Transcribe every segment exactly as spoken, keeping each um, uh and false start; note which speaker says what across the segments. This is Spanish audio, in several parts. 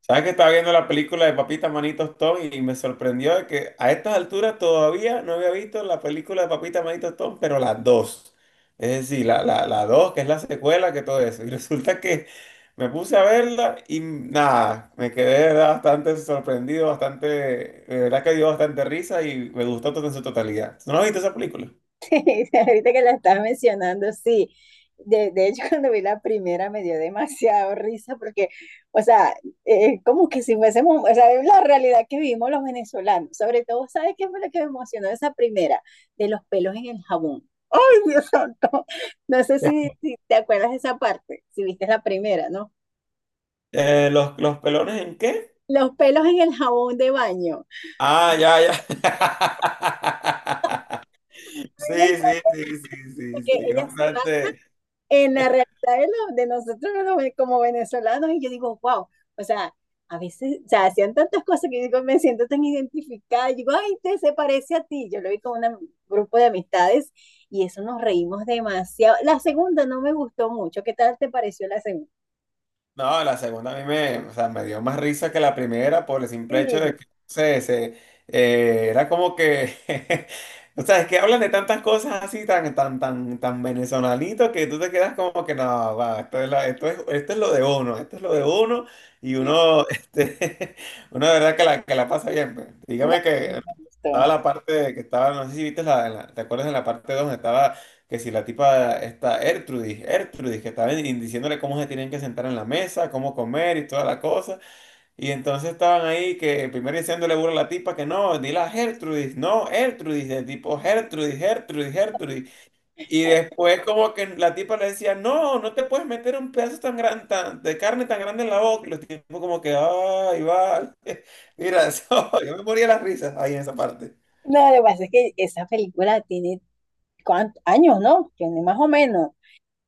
Speaker 1: Sabes que estaba viendo la película de Papita Manito Stone y me sorprendió de que a estas alturas todavía no había visto la película de Papita Manito Stone, pero las dos. Es decir, la, la, la dos, que es la secuela, que todo eso. Y resulta que me puse a verla y nada, me quedé de verdad, bastante sorprendido, bastante, de verdad que dio bastante risa y me gustó todo en su totalidad. ¿No has visto esa película?
Speaker 2: Sí, ahorita que la estás mencionando, sí. De, de hecho, cuando vi la primera me dio demasiado risa porque, o sea, eh, como que si fuésemos, o sea, es la realidad que vivimos los venezolanos. Sobre todo, ¿sabes qué fue lo que me emocionó de esa primera? De los pelos en el jabón. ¡Ay, Dios santo! No sé si, si te acuerdas de esa parte, si viste la primera, ¿no?
Speaker 1: Eh, ¿los, los pelones en qué?
Speaker 2: Los pelos en el jabón de baño. A
Speaker 1: Ah, ya, ya. Sí,
Speaker 2: mí me
Speaker 1: sí,
Speaker 2: encanta
Speaker 1: sí, sí, sí,
Speaker 2: porque
Speaker 1: sí,
Speaker 2: ella se va
Speaker 1: bastante.
Speaker 2: en la realidad de, lo- de nosotros, ¿no? Como venezolanos, y yo digo, wow, o sea, a veces, o sea, hacían tantas cosas que yo digo, me siento tan identificada, yo digo, ay, te se parece a ti. Yo lo vi con un grupo de amistades y eso nos reímos demasiado. La segunda no me gustó mucho. ¿Qué tal te pareció la segunda?
Speaker 1: No, la segunda a mí me, o sea, me dio más risa que la primera por el simple hecho
Speaker 2: Sí,
Speaker 1: de que, no sé, se, eh, era como que, o sea, es que hablan de tantas cosas así tan, tan, tan, tan venezolanito que tú te quedas como que, no, va, esto es, la- esto es, esto es lo de uno, esto es lo de uno y uno, este, uno de verdad que la, que la pasa bien, pues.
Speaker 2: no,
Speaker 1: Dígame
Speaker 2: no
Speaker 1: que
Speaker 2: me
Speaker 1: estaba
Speaker 2: gustó.
Speaker 1: la parte de que estaba, no sé si viste la, la- ¿te acuerdas de la parte dos donde estaba? Que si la tipa está Ertrudis, Ertrudis, que estaban in- diciéndole cómo se tienen que sentar en la mesa, cómo comer y toda la cosa. Y entonces estaban ahí que primero diciéndole burla a la tipa que no, dile a Gertrudis, no, Ertrudis, de tipo Gertrudis, Gertrudis, Gertrudis. Y después como que la tipa le decía, no, no te puedes meter un pedazo tan grande, tan, de carne tan grande en la boca. Y los tipos como que, ay, va. Mira, eso, yo me moría de las risas ahí en esa parte.
Speaker 2: No, lo que pasa es que esa película tiene cuántos años, ¿no? Tiene más o menos.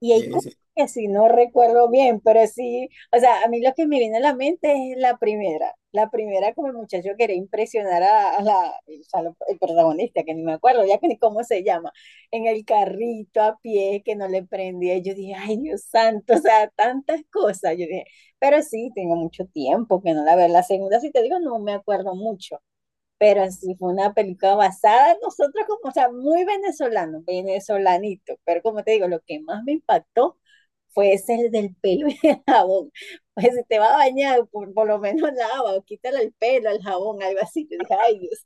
Speaker 2: Y hay
Speaker 1: Sí,
Speaker 2: cosas
Speaker 1: sí,
Speaker 2: que si no recuerdo bien, pero sí, o sea, a mí lo que me viene a la mente es la primera. La primera, como el muchacho quería impresionar a, a la, o sea, lo- el protagonista, que ni me acuerdo ya que ni cómo se llama, en el carrito a pie que no le prendía. Yo dije, ay Dios santo, o sea, tantas cosas. Yo dije, pero sí, tengo mucho tiempo que no la veo. La segunda, si te digo, no me acuerdo mucho, pero sí fue una película basada en nosotros como, o sea, muy venezolano, venezolanito, pero como te digo, lo que más me impactó fue ese, el del pelo y el jabón. Pues si te va a bañar, por, por lo menos lava o quítale el pelo, el jabón, algo así. Yo dije, ay Dios.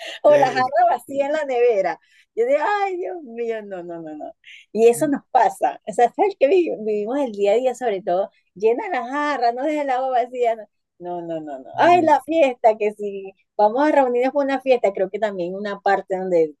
Speaker 2: O la jarra
Speaker 1: sí,
Speaker 2: vacía en
Speaker 1: sí,
Speaker 2: la nevera. Yo digo, ay, Dios mío, no, no, no, no. Y eso nos pasa. O sea, ¿sabes qué vivi- vivimos el día a día, sobre todo? Llena la jarra, no dejes el agua vacía. No, no, no, no, no. Ay, la fiesta, que si vamos a reunirnos por una fiesta, creo que también una parte donde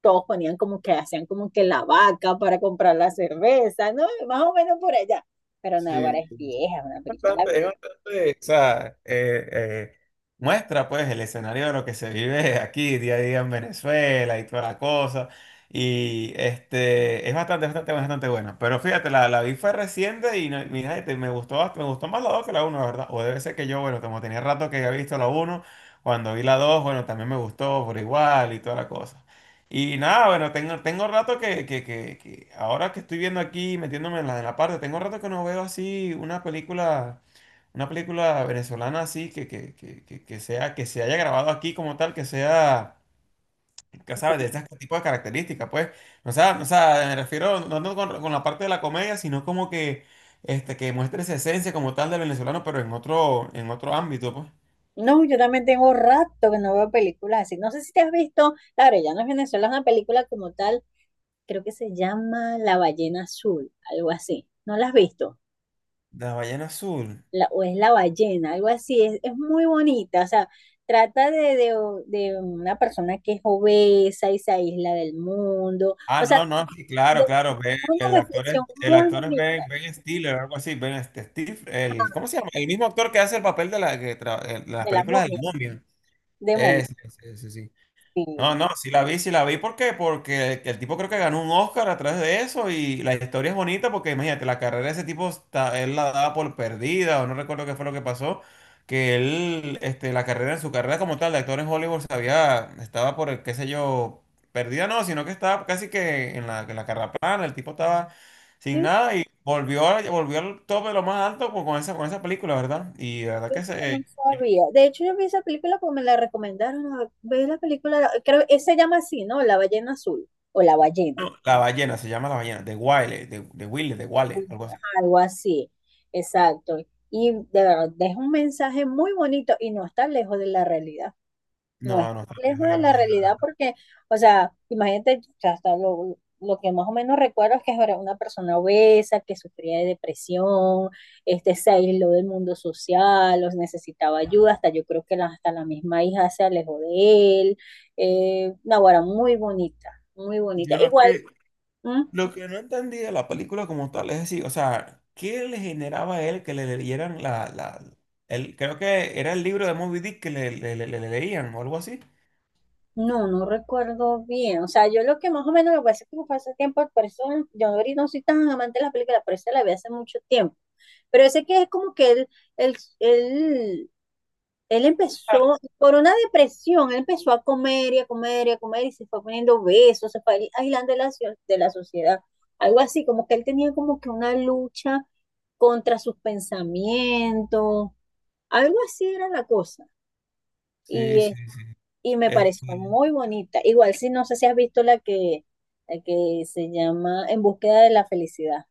Speaker 2: todos ponían como que hacían como que la vaca para comprar la cerveza, ¿no? Más o menos por allá. Pero Naguará,
Speaker 1: sí,
Speaker 2: es
Speaker 1: sí,
Speaker 2: vieja, una película.
Speaker 1: bastante, es bastante, o sea, eh, eh, muestra pues el escenario de lo que se vive aquí día a día en Venezuela y toda la cosa. Y este, es bastante, bastante, bastante buena. Pero fíjate, la, la vi fue reciente y no- mira, este, me gustó, bast- me gustó más la dos que la uno la verdad. O debe ser que yo, bueno, como tenía rato que había visto la uno cuando vi la dos bueno, también me gustó por igual y toda la cosa. Y nada, bueno, tengo, tengo rato que, que, que, que ahora que estoy viendo aquí, metiéndome en la, en la parte, tengo rato que no veo así una película, una película venezolana así que, que, que, que, que sea, que se haya grabado aquí como tal, que sea, que, sabes, de este tipo de características, pues. O sea, o sea, me refiero no tanto con, con la parte de la comedia, sino como que, este, que muestre esa esencia como tal del venezolano, pero en otro, en otro ámbito, pues.
Speaker 2: No, yo también tengo rato que no veo películas así. No sé si te has visto, claro, ya no es Venezuela, es una película como tal, creo que se llama La ballena azul, algo así. ¿No la has visto?
Speaker 1: La ballena azul.
Speaker 2: La- o es La ballena, algo así. Es, es muy bonita, o sea, trata de, de, de una persona que es obesa y se aísla del mundo.
Speaker 1: Ah,
Speaker 2: O sea,
Speaker 1: no, no, sí,
Speaker 2: de,
Speaker 1: claro, claro.
Speaker 2: de
Speaker 1: Ben-
Speaker 2: una
Speaker 1: el actor es,
Speaker 2: reflexión
Speaker 1: el
Speaker 2: muy
Speaker 1: actor es
Speaker 2: bonita
Speaker 1: Ben, Ben Stiller, algo así. Ben este, Steve, el, ¿cómo se llama? El mismo actor que hace el papel de, la, que tra- el- de las
Speaker 2: de la
Speaker 1: películas
Speaker 2: momia,
Speaker 1: del momio.
Speaker 2: de momia.
Speaker 1: Ese, ese, ese, sí. No,
Speaker 2: Sí.
Speaker 1: no, sí la vi, sí la vi. ¿Por qué? Porque el, el tipo creo que ganó un Oscar a través de eso y la historia es bonita porque imagínate, la carrera de ese tipo, está- él la daba por perdida o no recuerdo qué fue lo que pasó, que él, este, la carrera en su carrera como tal de actor en Hollywood se había, estaba por, el, qué sé yo, perdida no, sino que estaba casi que en la, en la carrera plana, el tipo estaba sin nada y volvió, a- volvió al top de lo más alto con, con esa, con esa película, ¿verdad? Y la verdad
Speaker 2: Es
Speaker 1: que
Speaker 2: que no
Speaker 1: se...
Speaker 2: sabía. De hecho, yo vi esa película porque me la recomendaron. Ah, ve la película, creo que se llama así, ¿no? La ballena azul o la ballena,
Speaker 1: No, La ballena, se llama La ballena, de Wiley, de, de Wiley, de Wale,
Speaker 2: ajá,
Speaker 1: algo así.
Speaker 2: algo así. Exacto. Y de verdad, deja un mensaje muy bonito y no está lejos de la realidad. No es
Speaker 1: No, no está lejos
Speaker 2: lejos
Speaker 1: de la
Speaker 2: de la
Speaker 1: realidad.
Speaker 2: realidad porque, o sea, imagínate, o sea, hasta lo, lo que más o menos recuerdo es que era una persona obesa, que sufría de depresión, este, se aisló del mundo social, los necesitaba ayuda, hasta yo creo que la- hasta la misma hija se alejó de él. Eh, Naguará, muy bonita, muy bonita.
Speaker 1: Yo lo
Speaker 2: Igual,
Speaker 1: que,
Speaker 2: ¿m?
Speaker 1: lo que no entendí de la película como tal es decir, o sea, ¿qué le generaba a él que le leyeran la, la, el, creo que era el libro de Moby Dick que le, le- le- le le leían o algo así?
Speaker 2: No, no recuerdo bien. O sea, yo lo que más o menos, lo que pasa es que fue hace tiempo, por eso yo ahorita no soy tan amante de la película, por eso la vi hace mucho tiempo. Pero ese que es como que él, él, él, él
Speaker 1: Ah.
Speaker 2: empezó por una depresión, él empezó a comer y a comer y a comer y se fue poniendo obeso, se fue aislando de la, so- de la sociedad, algo así, como que él tenía como que una lucha contra sus pensamientos, algo así era la cosa.
Speaker 1: Sí,
Speaker 2: Y,
Speaker 1: sí,
Speaker 2: es
Speaker 1: sí.
Speaker 2: y me pareció
Speaker 1: Este,
Speaker 2: muy bonita. Igual, si no sé si has visto la que, la que se llama En búsqueda de la felicidad.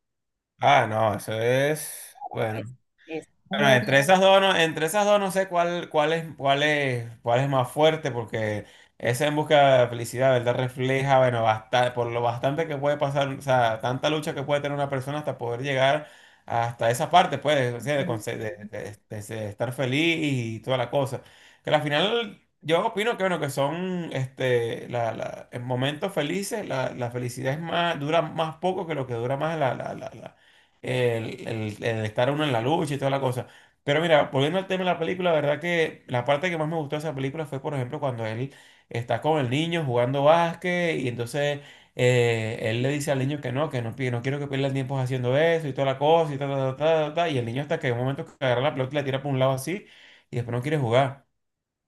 Speaker 1: ah, no, eso es,
Speaker 2: Es,
Speaker 1: bueno.
Speaker 2: es
Speaker 1: Bueno,
Speaker 2: muy...
Speaker 1: entre esas dos no, entre esas dos no sé cuál, cuál es, cuál es, cuál es más fuerte, porque esa en busca de felicidad, ¿verdad? Refleja, bueno, basta- por lo bastante que puede pasar, o sea, tanta lucha que puede tener una persona hasta poder llegar hasta esa parte, pues, o sea, de, conse- de- de- de- de estar feliz y toda la cosa. Que al final, yo opino que, bueno, que son, este, la, la- en momentos felices, la, la felicidad es más, dura más poco que lo que dura más la, la, la la- el, el- el estar uno en la lucha y toda la cosa. Pero mira, volviendo al tema de la película, la verdad que la parte que más me gustó de esa película fue, por ejemplo, cuando él está con el niño jugando básquet y entonces eh, él le dice al niño que no, que no, pi- no quiero que pierda el tiempo haciendo eso y toda la cosa y ta, ta, ta, ta, ta, ta, y el niño hasta que en un momento que agarra la pelota y la tira por un lado así y después no quiere jugar.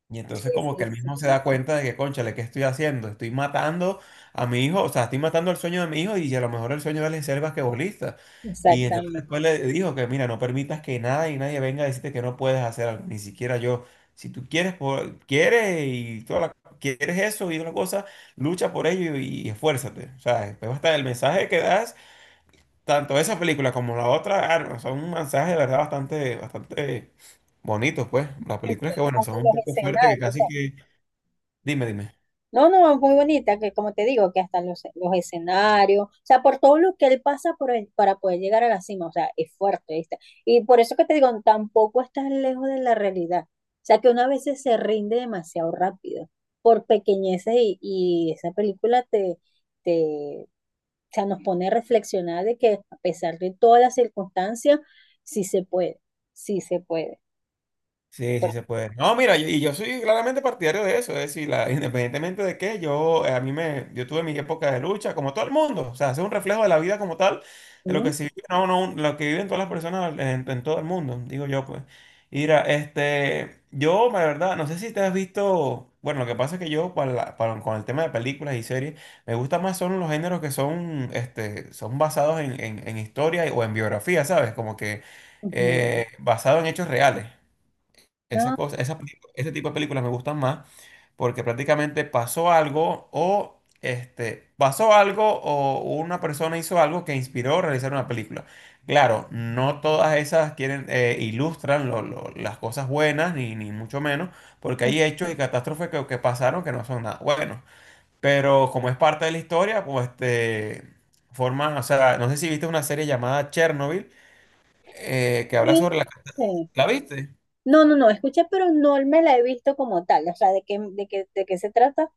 Speaker 1: Y entonces
Speaker 2: Sí,
Speaker 1: como que
Speaker 2: sí,
Speaker 1: él mismo se
Speaker 2: sí,
Speaker 1: da cuenta de que, cónchale, ¿qué estoy haciendo? Estoy matando a mi hijo, o sea, estoy matando el sueño de mi hijo y a lo mejor el sueño de él es ser basquetbolista. Y entonces
Speaker 2: exactamente.
Speaker 1: después le dijo que, mira, no permitas que nada y nadie venga a decirte que no puedes hacer algo, ni siquiera yo. Si tú quieres, por- quieres y toda la- quieres eso y otra cosa, lucha por ello y, y esfuérzate. O sea, después hasta el mensaje que das, tanto esa película como la otra, ah, no, son un mensaje de verdad bastante, bastante bonitos, pues. Las
Speaker 2: En-
Speaker 1: películas que, bueno,
Speaker 2: hasta
Speaker 1: son un
Speaker 2: los
Speaker 1: poco fuertes, que
Speaker 2: escenarios, o sea,
Speaker 1: casi que Dime, dime.
Speaker 2: no, no, muy bonita, que como te digo, que hasta los, los escenarios, o sea, por todo lo que él pasa por el- para poder llegar a la cima, o sea, es fuerte, ¿viste? Y por eso que te digo, tampoco estás lejos de la realidad, o sea, que una veces se rinde demasiado rápido, por pequeñeces, y, y esa película te, te, o sea, nos pone a reflexionar de que a pesar de todas las circunstancias, sí se puede, sí se puede.
Speaker 1: Sí, sí
Speaker 2: Por-
Speaker 1: se puede. No, mira, yo- y yo soy claramente partidario de eso, es decir, la- independientemente de qué, yo eh, a mí me, yo tuve mi época de lucha, como todo el mundo, o sea, es un reflejo de la vida como tal, de lo
Speaker 2: ¿Mm?
Speaker 1: que sí, no, no, lo que viven todas las personas en, en todo el mundo, digo yo, pues. Mira, este, yo, la verdad, no sé si te has visto, bueno, lo que pasa es que yo, para la- para- con el tema de películas y series, me gusta más son los géneros que son, este, son basados en, en, en historia o en biografía, ¿sabes? Como que
Speaker 2: Ujú.
Speaker 1: eh, basado en hechos reales. Esa
Speaker 2: No,
Speaker 1: cosa, esa película- ese tipo de películas me gustan más porque prácticamente pasó algo o este, pasó algo o una persona hizo algo que inspiró a realizar una película. Claro, no todas esas quieren eh, ilustran lo- lo- las cosas buenas ni, ni mucho menos porque hay hechos y catástrofes que, que pasaron que no son nada buenos. Pero como es parte de la historia, pues este forman, o sea, no sé si viste una serie llamada Chernobyl eh, que habla sobre la...
Speaker 2: sí, sí.
Speaker 1: ¿La viste?
Speaker 2: No, no, no, escuché, pero no me la he visto como tal. O sea, ¿de qué, de qué, de qué se trata?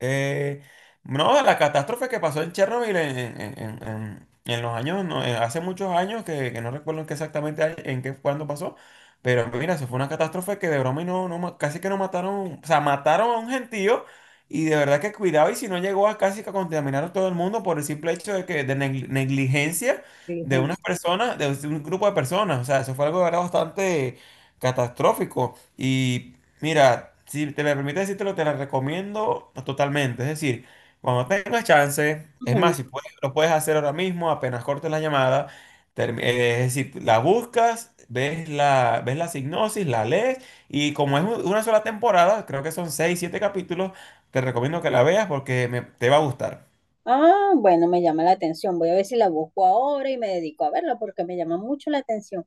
Speaker 1: Eh, no, la catástrofe que pasó en Chernobyl en, en- en- en- en los años, no, eh, hace muchos años, que, que no recuerdo en qué exactamente, año- en qué, cuándo pasó, pero mira, eso fue una catástrofe que de broma y no, no, ma- casi que no mataron, o sea, mataron a un gentío y de verdad que cuidado y si no llegó a casi que a contaminar a todo el mundo por el simple hecho de que de negli- negligencia de unas
Speaker 2: Diligencia.
Speaker 1: personas, de un grupo de personas, o sea, eso fue algo de verdad bastante catastrófico y... Mira, si te me permite decírtelo, te la recomiendo totalmente. Es decir, cuando tengas chance, es
Speaker 2: Ujú.
Speaker 1: más, si puedes, lo puedes hacer ahora mismo, apenas cortes la llamada, termi- eh, es decir, la buscas, ves la, ves la sinopsis, la lees, y como es un- una sola temporada, creo que son seis, siete capítulos, te recomiendo que la veas porque me- te va a gustar.
Speaker 2: Ah, bueno, me llama la atención. Voy a ver si la busco ahora y me dedico a verla porque me llama mucho la atención.